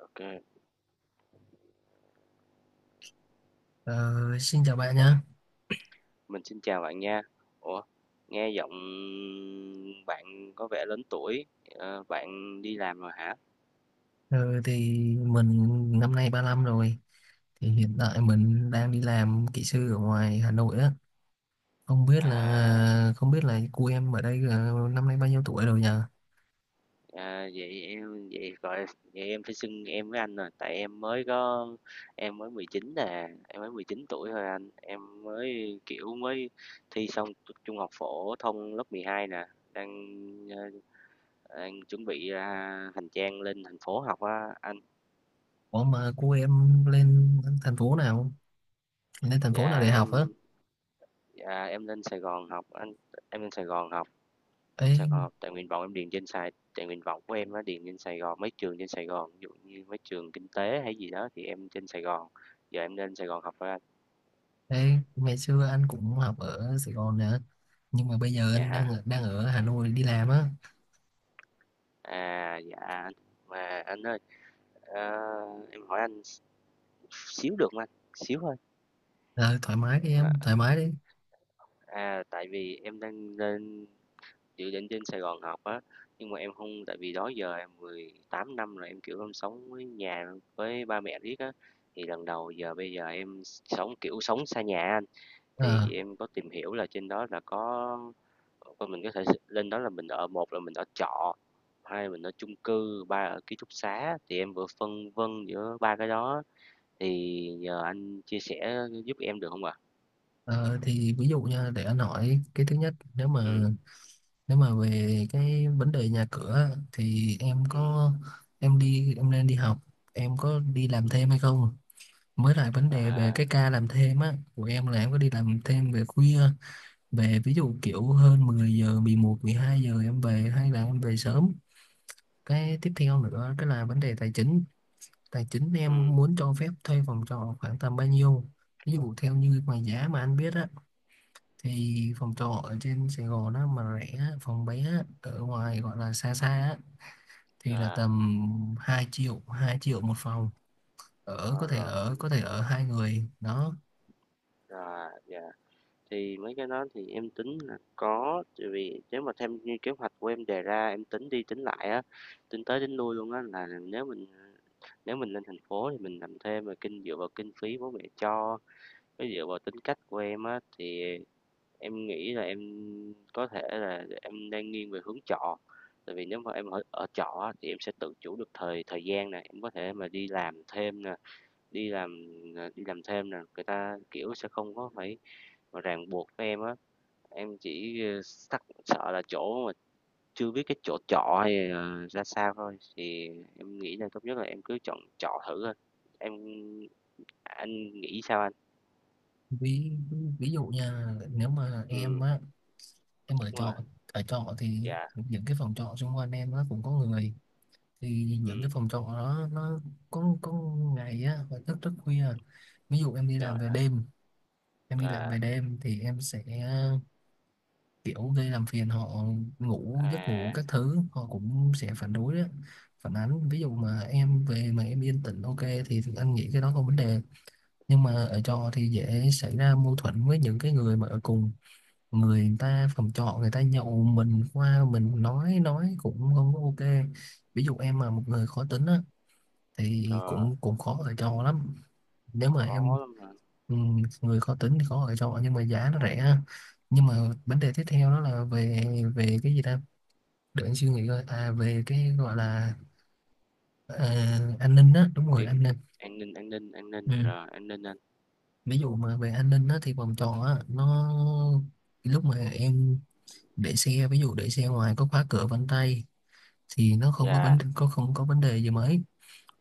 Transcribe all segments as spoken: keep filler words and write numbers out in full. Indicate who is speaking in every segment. Speaker 1: OK,
Speaker 2: Ờ, xin chào bạn nhé.
Speaker 1: mình xin chào bạn nha. Ủa, nghe giọng bạn có vẻ lớn tuổi, ờ, bạn đi làm rồi hả?
Speaker 2: Ờ, thì mình năm nay ba lăm rồi. Thì hiện tại mình đang đi làm kỹ sư ở ngoài Hà Nội á. Không biết là
Speaker 1: À,
Speaker 2: không biết là cô em ở đây ờ, năm nay bao nhiêu tuổi rồi nhờ?
Speaker 1: à vậy em vậy gọi vậy em phải xưng em với anh rồi, tại em mới có em mới mười chín nè, em mới mười chín tuổi thôi anh, em mới kiểu mới thi xong trung học phổ thông lớp mười hai nè, đang ờ, đang chuẩn bị ra hành trang lên thành phố học á anh.
Speaker 2: Ủa mà cô em lên thành phố nào? Lên thành phố nào
Speaker 1: Dạ
Speaker 2: để học á?
Speaker 1: em Dạ, em lên Sài Gòn học anh em lên Sài Gòn học Sài Gòn
Speaker 2: Ấy,
Speaker 1: học tại nguyện vọng em điền trên Sài tại nguyện vọng của em á điền trên Sài Gòn, mấy trường trên Sài Gòn ví dụ như mấy trường kinh tế hay gì đó, thì em trên Sài Gòn giờ em lên Sài Gòn học rồi anh.
Speaker 2: ấy, ngày xưa anh cũng học ở Sài Gòn nè. Nhưng mà bây giờ anh đang
Speaker 1: dạ
Speaker 2: ở- đang ở Hà Nội đi làm á.
Speaker 1: à dạ anh, mà anh ơi, ờ, em hỏi anh xíu được không anh, xíu thôi.
Speaker 2: Ờ, thoải mái đi
Speaker 1: À,
Speaker 2: em, thoải mái đi.
Speaker 1: à tại vì em đang lên dự định trên Sài Gòn học á, nhưng mà em không tại vì đó giờ em mười tám năm rồi, em, kiểu, em sống với nhà với ba mẹ riết á, thì lần đầu giờ bây giờ em sống, kiểu, sống xa nhà anh,
Speaker 2: Ờ.
Speaker 1: thì em có tìm hiểu là trên đó là có, coi mình có thể lên đó là mình ở, một là mình ở trọ, hai là mình ở chung cư, ba ở ký túc xá, thì em vừa phân vân giữa ba cái đó, thì nhờ anh chia sẻ giúp em được không ạ?
Speaker 2: Ờ, thì ví dụ nha, để anh hỏi cái thứ nhất. nếu mà
Speaker 1: Ừ.
Speaker 2: nếu mà về cái vấn đề nhà cửa á, thì em
Speaker 1: ừm,
Speaker 2: có em đi em nên đi học, em có đi làm thêm
Speaker 1: ừm,
Speaker 2: hay không, mới lại vấn đề về
Speaker 1: à,
Speaker 2: cái ca làm thêm á của em, là em có đi làm thêm về khuya về ví dụ kiểu hơn mười giờ, mười một hai giờ em về, hay là em về sớm. Cái tiếp theo nữa cái là vấn đề tài chính, tài chính
Speaker 1: ừm,
Speaker 2: em muốn cho phép thuê phòng trọ khoảng tầm bao nhiêu. Ví dụ theo như mà giá mà anh biết á, thì phòng trọ ở trên Sài Gòn á mà rẻ á, phòng bé á, ở ngoài gọi là xa xa á, thì là
Speaker 1: à,
Speaker 2: tầm hai triệu hai triệu một phòng, ở có
Speaker 1: ờ,
Speaker 2: thể
Speaker 1: rồi
Speaker 2: ở
Speaker 1: anh,
Speaker 2: có thể ở hai người đó.
Speaker 1: à, dạ. Thì mấy cái đó thì em tính là có, tại vì nếu mà thêm như kế hoạch của em đề ra, em tính đi tính lại á, tính tới tính lui luôn á, là nếu mình nếu mình lên thành phố thì mình làm thêm, mà kinh dựa vào kinh phí bố mẹ cho với dựa vào tính cách của em á, thì em nghĩ là em có thể là em đang nghiêng về hướng trọ. Tại vì nếu mà em ở, ở trọ á, thì em sẽ tự chủ được thời thời gian, này em có thể mà đi làm thêm nè, đi làm à, đi làm thêm nè, người ta kiểu sẽ không có phải mà ràng buộc với em á. Em chỉ, ờ, sắc sợ là chỗ mà chưa biết cái chỗ trọ hay là ra sao thôi, thì em nghĩ là tốt nhất là em cứ chọn trọ thử thôi. Em anh nghĩ sao anh?
Speaker 2: Ví ví dụ nha, nếu mà em
Speaker 1: Ừm,
Speaker 2: á, em ở
Speaker 1: đúng rồi.
Speaker 2: trọ ở trọ thì
Speaker 1: Dạ.
Speaker 2: những cái phòng trọ xung quanh em nó cũng có người, thì những
Speaker 1: Ừm,
Speaker 2: cái phòng trọ đó nó có có ngày á hoặc thức rất khuya. Ví dụ em đi làm
Speaker 1: rồi
Speaker 2: về
Speaker 1: anh.
Speaker 2: đêm em đi làm về
Speaker 1: À,
Speaker 2: đêm thì em sẽ kiểu gây làm phiền họ, ngủ giấc ngủ
Speaker 1: à,
Speaker 2: các thứ họ cũng sẽ phản đối đó, phản ánh. Ví dụ mà em về mà em yên tĩnh, ok thì anh nghĩ cái đó không vấn đề. Nhưng mà ở trọ thì dễ xảy ra mâu thuẫn với những cái người mà ở cùng, người ta phòng trọ người ta nhậu, mình qua mình nói nói cũng không có ok. Ví dụ em mà một người khó tính á thì
Speaker 1: trời,
Speaker 2: cũng cũng khó ở trọ lắm. Nếu mà em
Speaker 1: khó lắm mà.
Speaker 2: ừ, người khó tính thì khó ở trọ, nhưng mà giá nó rẻ. Nhưng mà vấn đề tiếp theo đó là về về cái gì ta, để anh suy nghĩ coi, à về cái gọi là, ờ, an ninh á, đúng rồi
Speaker 1: Đi-
Speaker 2: an ninh.
Speaker 1: An ninh, an ninh, an ninh,
Speaker 2: Ừ.
Speaker 1: rồi an ninh anh.
Speaker 2: Ví dụ mà về an ninh á thì vòng tròn á nó, lúc mà em để xe, ví dụ để xe ngoài có khóa cửa vân tay thì nó không có
Speaker 1: Dạ.
Speaker 2: vấn có không có vấn đề gì mấy.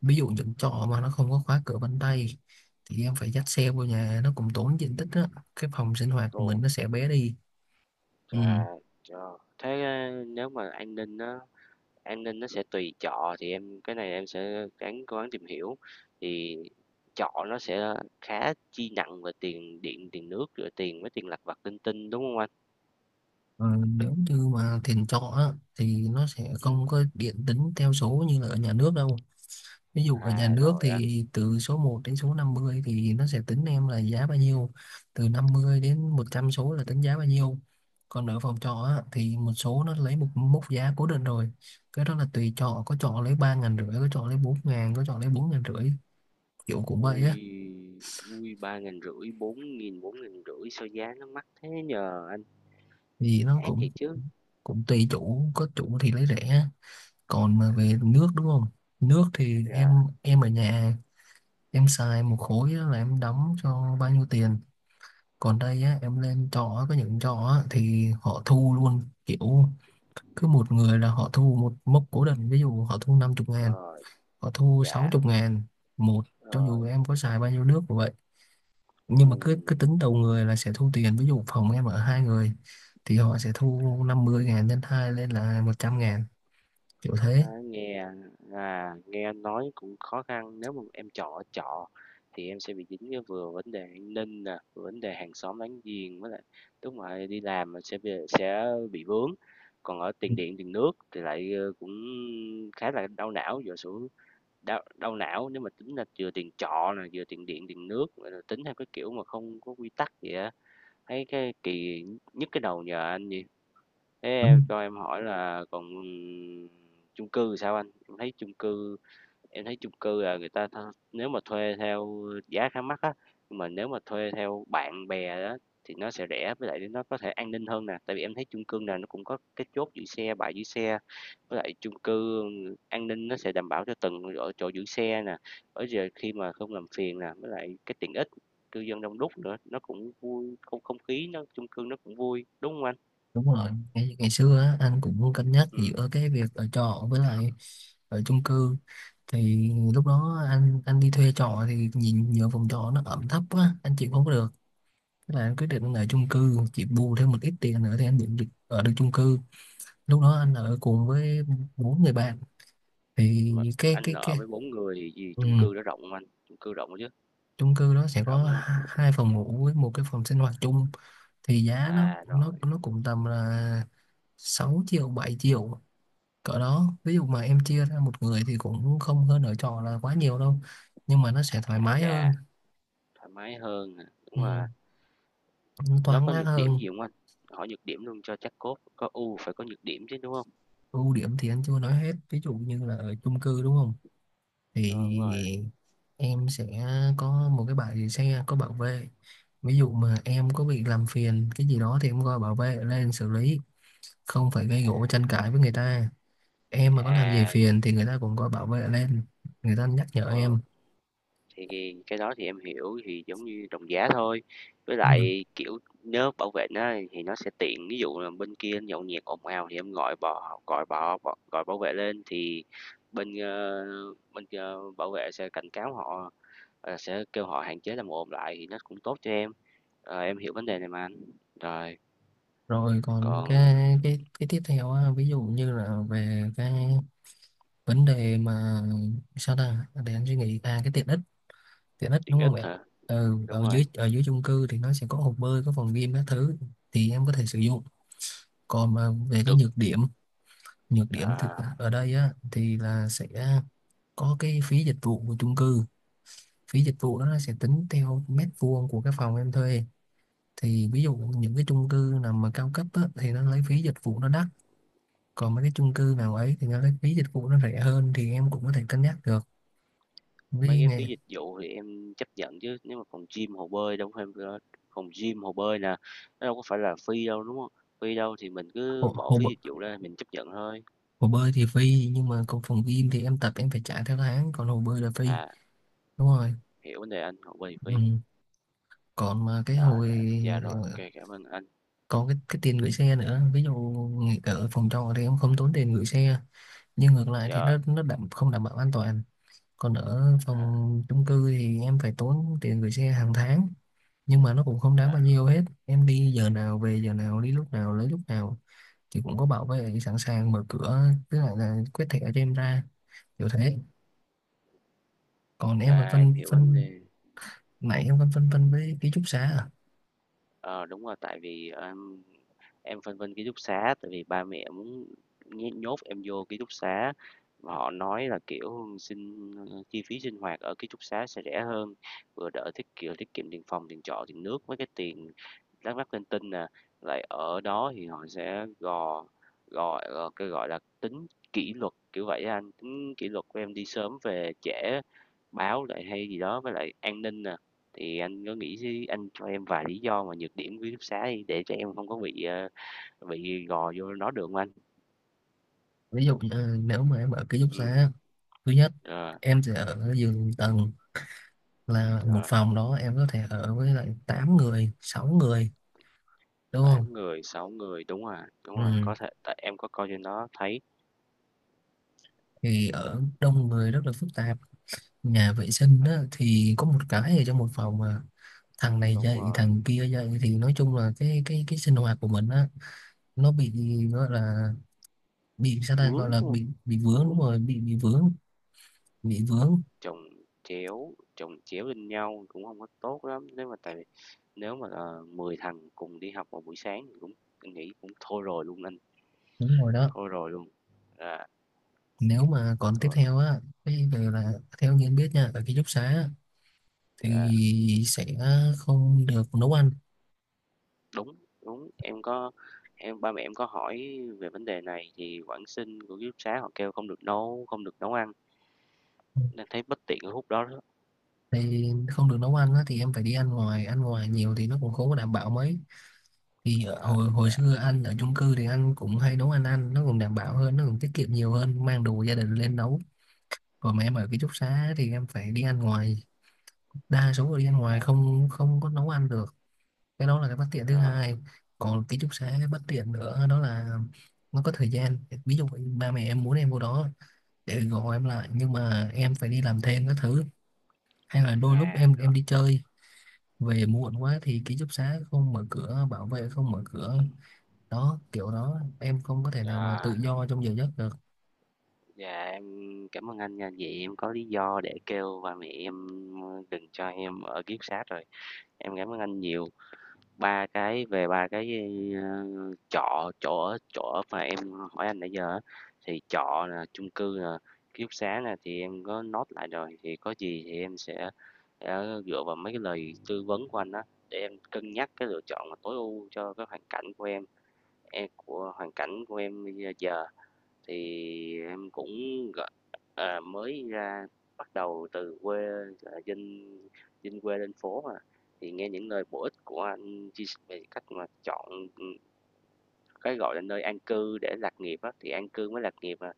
Speaker 2: Ví dụ những trọ mà nó không có khóa cửa vân tay thì em phải dắt xe vô nhà, nó cũng tốn diện tích á, cái phòng sinh hoạt của mình
Speaker 1: Ồ,
Speaker 2: nó sẽ bé đi. Ừ.
Speaker 1: trời, trời. Thế ờ, nếu mà an ninh á, an ninh nó sẽ tùy trọ, thì em cái này em sẽ ráng cố gắng tìm hiểu. Thì trọ nó sẽ khá chi nặng về tiền điện tiền nước rồi tiền, với tiền lặt vặt linh tinh đúng không anh?
Speaker 2: Ờ, nếu như mà tiền trọ á, thì nó sẽ
Speaker 1: Ừ.
Speaker 2: không có điện tính theo số như là ở nhà nước đâu. Ví dụ ở nhà
Speaker 1: à
Speaker 2: nước
Speaker 1: rồi anh.
Speaker 2: thì từ số một đến số năm mươi thì nó sẽ tính em là giá bao nhiêu, từ năm mươi đến một trăm số là tính giá bao nhiêu. Còn ở phòng trọ á, thì một số nó lấy một mốc giá cố định rồi, cái đó là tùy trọ, có trọ lấy ba ngàn rưỡi, có trọ lấy bốn ngàn, có trọ lấy bốn ngàn rưỡi, kiểu cũng vậy á.
Speaker 1: ui, ui ba nghìn rưỡi, bốn nghìn, bốn nghìn rưỡi, sao giá nó mắc thế nhờ anh,
Speaker 2: Thì nó
Speaker 1: ác
Speaker 2: cũng
Speaker 1: thiệt chứ.
Speaker 2: cũng tùy chủ, có chủ thì lấy rẻ. Còn mà về nước đúng không, nước thì em
Speaker 1: dạ.
Speaker 2: em ở nhà em xài một khối đó là em đóng cho bao nhiêu tiền. Còn đây á, em lên trọ có những trọ á, thì họ thu luôn kiểu cứ một người là họ thu một mốc cố định, ví dụ họ thu năm mươi ngàn,
Speaker 1: rồi.
Speaker 2: họ thu
Speaker 1: dạ.
Speaker 2: sáu mươi ngàn một, cho dù
Speaker 1: rồi.
Speaker 2: em có xài bao nhiêu nước cũng vậy. Nhưng
Speaker 1: Ừ.
Speaker 2: mà cứ cứ tính đầu người là sẽ thu tiền. Ví dụ phòng em ở hai người thì họ sẽ thu năm mươi ngàn lên hai lên là một trăm ngàn, kiểu
Speaker 1: À,
Speaker 2: thế.
Speaker 1: nghe à, nghe nói cũng khó khăn, nếu mà em chọn ở trọ thì em sẽ bị dính với vừa vấn đề an ninh nè, vừa vấn đề hàng xóm láng giềng, với lại lúc mà đi làm mà sẽ bị, sẽ bị vướng, còn ở
Speaker 2: Ừ,
Speaker 1: tiền điện tiền nước thì lại ờ, cũng khá là đau não. Giờ xuống đau, đau não nếu mà tính là vừa tiền trọ nè, vừa tiền điện tiền nước, rồi tính theo cái kiểu mà không có quy tắc vậy á, thấy cái kỳ, nhức cái đầu nhờ anh gì. Thế em
Speaker 2: đúng
Speaker 1: cho em hỏi là còn chung cư thì sao anh? Em thấy chung cư em thấy chung cư là người ta tha- nếu mà thuê theo giá khá mắc á, nhưng mà nếu mà thuê theo bạn bè đó thì nó sẽ rẻ, với lại nó có thể an ninh hơn nè, tại vì em thấy chung cư nào nó cũng có cái chốt giữ xe, bãi giữ xe. Với lại chung cư an ninh nó sẽ đảm bảo cho từng ở chỗ giữ xe nè, ở giờ khi mà không làm phiền nè, với lại cái tiện ích, cư dân đông đúc nữa, nó cũng vui, không không khí nó chung cư nó cũng vui, đúng không anh?
Speaker 2: đúng rồi ngày, ngày xưa á, anh cũng cân nhắc
Speaker 1: Ừ.
Speaker 2: giữa cái việc ở trọ với lại ở chung cư. Thì lúc đó anh anh đi thuê trọ thì nhìn nhờ phòng trọ nó ẩm thấp quá, anh chịu không có được, thế là anh quyết định anh ở chung cư, chị bù thêm một ít tiền nữa thì anh định được ở được chung cư. Lúc đó anh ở cùng với bốn người bạn. thì cái
Speaker 1: anh
Speaker 2: cái cái
Speaker 1: ở với bốn người gì
Speaker 2: ừ,
Speaker 1: chung cư đó rộng hông anh? Chung cư rộng chứ,
Speaker 2: chung cư đó sẽ
Speaker 1: rộng
Speaker 2: có
Speaker 1: hông?
Speaker 2: hai phòng ngủ với một cái phòng sinh hoạt chung, thì giá nó
Speaker 1: À,
Speaker 2: nó
Speaker 1: rồi,
Speaker 2: nó cũng tầm là sáu triệu bảy triệu cỡ đó. Ví dụ mà em chia ra một người thì cũng không hơn ở trọ là quá nhiều đâu, nhưng mà nó sẽ thoải
Speaker 1: à,
Speaker 2: mái
Speaker 1: chà,
Speaker 2: hơn.
Speaker 1: thoải mái hơn à,
Speaker 2: Ừ,
Speaker 1: đúng rồi. Nó
Speaker 2: thoáng
Speaker 1: có
Speaker 2: mát
Speaker 1: nhược điểm
Speaker 2: hơn.
Speaker 1: gì không anh? Hỏi nhược điểm luôn cho chắc cốt, có ưu phải có nhược điểm chứ, đúng không?
Speaker 2: Ưu điểm thì anh chưa nói hết, ví dụ như là ở chung cư đúng không,
Speaker 1: Ờ, đúng rồi,
Speaker 2: thì em sẽ có một cái bãi để xe có bảo vệ. Ví dụ mà em có bị làm phiền cái gì đó thì em gọi bảo vệ lên xử lý, không phải gây gổ tranh cãi với người ta. Em mà có làm gì
Speaker 1: à,
Speaker 2: phiền thì người ta cũng gọi bảo vệ lên, người ta nhắc nhở
Speaker 1: ờ,
Speaker 2: em.
Speaker 1: thì cái đó thì em hiểu, thì giống như đồng giá thôi. Với
Speaker 2: Ừ.
Speaker 1: lại, kiểu, nếu bảo vệ nó thì nó sẽ tiện, ví dụ là bên kia nhậu nhẹt ồn ào thì em gọi bò gọi bò bọ gọi bảo vệ lên, thì bên, ơ, bên kia bảo vệ sẽ cảnh cáo họ. Ờ, sẽ kêu họ hạn chế làm ồn lại thì nó cũng tốt cho em. Ờ, em hiểu vấn đề này mà anh. Rồi,
Speaker 2: Rồi còn
Speaker 1: còn
Speaker 2: cái cái cái tiếp theo á, ví dụ như là về cái vấn đề mà, sao ta, để anh suy nghĩ, à cái tiện ích, tiện ích
Speaker 1: tiện
Speaker 2: đúng không
Speaker 1: ích
Speaker 2: bạn.
Speaker 1: hả?
Speaker 2: Ừ,
Speaker 1: Đúng
Speaker 2: ở
Speaker 1: rồi,
Speaker 2: dưới ở dưới chung cư thì nó sẽ có hồ bơi, có phòng gym các thứ thì em có thể sử dụng. Còn mà về cái
Speaker 1: được.
Speaker 2: nhược điểm, nhược điểm thì
Speaker 1: À,
Speaker 2: ở đây á thì là sẽ có cái phí dịch vụ của chung cư. Phí dịch vụ đó nó sẽ tính theo mét vuông của cái phòng em thuê. Thì ví dụ những cái chung cư nào mà cao cấp á, thì nó lấy phí dịch vụ nó đắt, còn mấy cái chung cư nào ấy thì nó lấy phí dịch vụ nó rẻ hơn, thì em cũng có thể cân nhắc được.
Speaker 1: mấy
Speaker 2: Vì
Speaker 1: cái
Speaker 2: nghề
Speaker 1: phí dịch vụ thì em chấp nhận chứ. Nếu mà phòng gym, hồ bơi đâu phải phòng gym, hồ bơi nè, nó đâu có phải là free đâu đúng không? Free đâu thì mình cứ
Speaker 2: hồ,
Speaker 1: bỏ
Speaker 2: hồ,
Speaker 1: phí dịch vụ ra mình chấp nhận thôi.
Speaker 2: hồ bơi thì phi, nhưng mà còn phòng gym thì em tập em phải trả theo tháng, còn hồ bơi là phi,
Speaker 1: À,
Speaker 2: đúng rồi.
Speaker 1: hiểu vấn đề anh, hồ bơi thì
Speaker 2: Ừ.
Speaker 1: free.
Speaker 2: Còn mà cái
Speaker 1: Rồi,
Speaker 2: hồi
Speaker 1: dạ rồi,
Speaker 2: ờ,
Speaker 1: ok, cảm ơn anh.
Speaker 2: còn cái cái tiền gửi xe nữa. Ví dụ nghỉ ở phòng trọ thì em không tốn tiền gửi xe, nhưng ngược lại thì
Speaker 1: Dạ,
Speaker 2: nó nó đảm, không đảm bảo an toàn. Còn ở
Speaker 1: à,
Speaker 2: phòng chung cư thì em phải tốn tiền gửi xe hàng tháng, nhưng mà nó cũng không đáng bao
Speaker 1: dạ.
Speaker 2: nhiêu hết. Em đi giờ nào về giờ nào, đi lúc nào lấy lúc nào, thì cũng có bảo vệ sẵn sàng mở cửa, tức là, là quét thẻ cho em ra, kiểu thế. Còn em còn
Speaker 1: À, em
Speaker 2: phân
Speaker 1: hiểu vấn
Speaker 2: phân
Speaker 1: đề.
Speaker 2: Nãy em còn phân vân với ký túc xá à.
Speaker 1: Ờ, đúng rồi, tại vì, em em phân vân ký túc xá, tại vì ba mẹ muốn nhé nhốt em vô ký túc xá, mà họ nói là, kiểu, sinh chi phí sinh hoạt ở ký túc xá sẽ rẻ hơn, vừa đỡ tiết kiệm tiết kiệm tiền phòng, tiền trọ, tiền nước, mấy cái tiền Đắk Lắk Tên Tinh nè, lại ở đó thì họ sẽ gò gọi, cái, gọi là, tính kỷ luật, kiểu vậy á anh, tính kỷ luật của em đi sớm về trễ, báo lại hay gì đó, với lại an ninh nè. Thì anh có nghĩ xí anh cho em vài lý do mà nhược điểm ký túc xá đi, để cho em không có bị, ờ, bị gò vô nó được không anh?
Speaker 2: Ví dụ như nếu mà em ở ký túc
Speaker 1: Ừ,
Speaker 2: xá, thứ nhất
Speaker 1: rồi,
Speaker 2: em sẽ ở giường tầng, là một
Speaker 1: rồi,
Speaker 2: phòng đó em có thể ở với lại tám người sáu người, đúng không.
Speaker 1: tám người, sáu người, đúng rồi, đúng rồi,
Speaker 2: Ừ.
Speaker 1: có thể tại em có coi trên đó thấy,
Speaker 2: Thì ở đông người rất là phức tạp, nhà vệ sinh đó thì có một cái ở trong một phòng mà thằng này
Speaker 1: đúng
Speaker 2: dậy
Speaker 1: rồi,
Speaker 2: thằng kia dậy, thì nói chung là cái cái cái sinh hoạt của mình á nó bị, gọi là, bị sao
Speaker 1: vướng,
Speaker 2: ta, gọi
Speaker 1: đúng
Speaker 2: là
Speaker 1: hông?
Speaker 2: bị bị vướng, đúng
Speaker 1: Vướng.
Speaker 2: rồi, bị bị vướng, bị vướng,
Speaker 1: Chồng chéo chồng chéo lên nhau cũng không có tốt lắm, nếu mà tại vì nếu mà, ờ, mười thằng cùng đi học vào buổi sáng thì cũng anh nghĩ cũng thôi rồi luôn anh,
Speaker 2: đúng rồi đó.
Speaker 1: thôi rồi luôn. À
Speaker 2: Nếu mà còn tiếp
Speaker 1: thôi.
Speaker 2: theo á, cái về là theo như anh biết nha, ở ký túc xá á,
Speaker 1: Dạ,
Speaker 2: thì sẽ không được nấu ăn.
Speaker 1: đúng, đúng, em có em ba mẹ em có hỏi về vấn đề này thì quản sinh của ký túc xá họ kêu không được nấu không được nấu ăn,
Speaker 2: Ừ,
Speaker 1: nên thấy bất tiện ở khúc đó đó.
Speaker 2: thì không được nấu ăn á, thì em phải đi ăn ngoài, ăn ngoài nhiều thì nó cũng không có đảm bảo mấy. Thì ở,
Speaker 1: À
Speaker 2: hồi hồi
Speaker 1: dạ,
Speaker 2: xưa anh ở chung cư thì anh cũng hay nấu ăn, ăn nó cũng đảm bảo hơn, nó cũng tiết kiệm nhiều hơn, mang đồ gia đình lên nấu. Còn mà em ở ký túc xá thì em phải đi ăn ngoài, đa số là đi ăn ngoài,
Speaker 1: dạ,
Speaker 2: không không có nấu ăn được. Cái đó là cái bất tiện thứ
Speaker 1: rồi,
Speaker 2: hai. Còn ký túc xá bất tiện nữa đó là nó có thời gian. Ví dụ ba mẹ em muốn em vô đó để gọi em lại, nhưng mà em phải đi làm thêm các thứ, hay là đôi lúc
Speaker 1: dạ,
Speaker 2: em
Speaker 1: rồi,
Speaker 2: em đi chơi về muộn quá thì ký túc xá không mở cửa, bảo vệ không mở cửa, đó kiểu đó em không có thể nào mà tự
Speaker 1: rồi.
Speaker 2: do trong giờ giấc được.
Speaker 1: Dạ, em cảm ơn anh nha. Vậy em có lý do để kêu ba mẹ em, ờ, đừng cho em ở kiếp túc, rồi. Em cảm ơn anh nhiều. Ba cái về ba cái, ơ, trọ chỗ ở chỗ ở mà em hỏi anh nãy giờ á, thì trọ là, chung cư là, ký túc xá nè, thì em có nốt lại rồi, thì có gì thì em sẽ sẽ dựa vào mấy cái lời tư vấn của anh á, để em cân nhắc cái lựa chọn mà tối ưu cho cái hoàn cảnh của em, em của hoàn cảnh của em bây giờ. Thì em cũng, à, mới ra bắt đầu từ quê, ờ, dân dân quê lên phố mà, thì nghe những lời bổ ích của anh chia sẻ về cách mà chọn, ừ, cái, gọi là, nơi an cư để lạc nghiệp á, thì an cư mới lạc nghiệp à,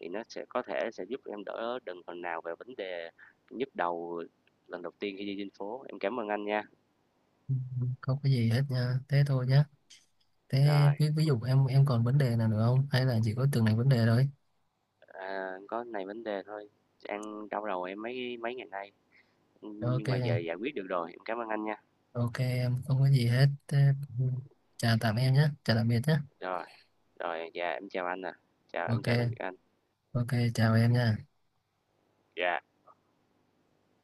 Speaker 1: thì nó sẽ có thể sẽ giúp em đỡ đần phần nào về vấn đề nhức đầu lần đầu tiên khi đi trên phố. Em cảm ơn anh nha.
Speaker 2: Ừ, không có gì hết nha, thế thôi nhá. Thế
Speaker 1: Rồi,
Speaker 2: ví, ví dụ em em còn vấn đề nào nữa không, hay là chỉ có từng này vấn đề thôi.
Speaker 1: à, có này vấn đề thôi, đang đau đầu em mấy mấy ngày nay,
Speaker 2: Ok.
Speaker 1: nhưng mà giờ giải quyết được rồi. Em cảm ơn anh nha.
Speaker 2: Ok em không có gì hết. Thế, ừ, chào tạm em nhé, chào tạm biệt nhé.
Speaker 1: Rồi. Rồi, dạ em chào anh ạ. À. Chào, em
Speaker 2: Ok.
Speaker 1: chào tạm biệt anh.
Speaker 2: Ok, chào em nha.
Speaker 1: Dạ.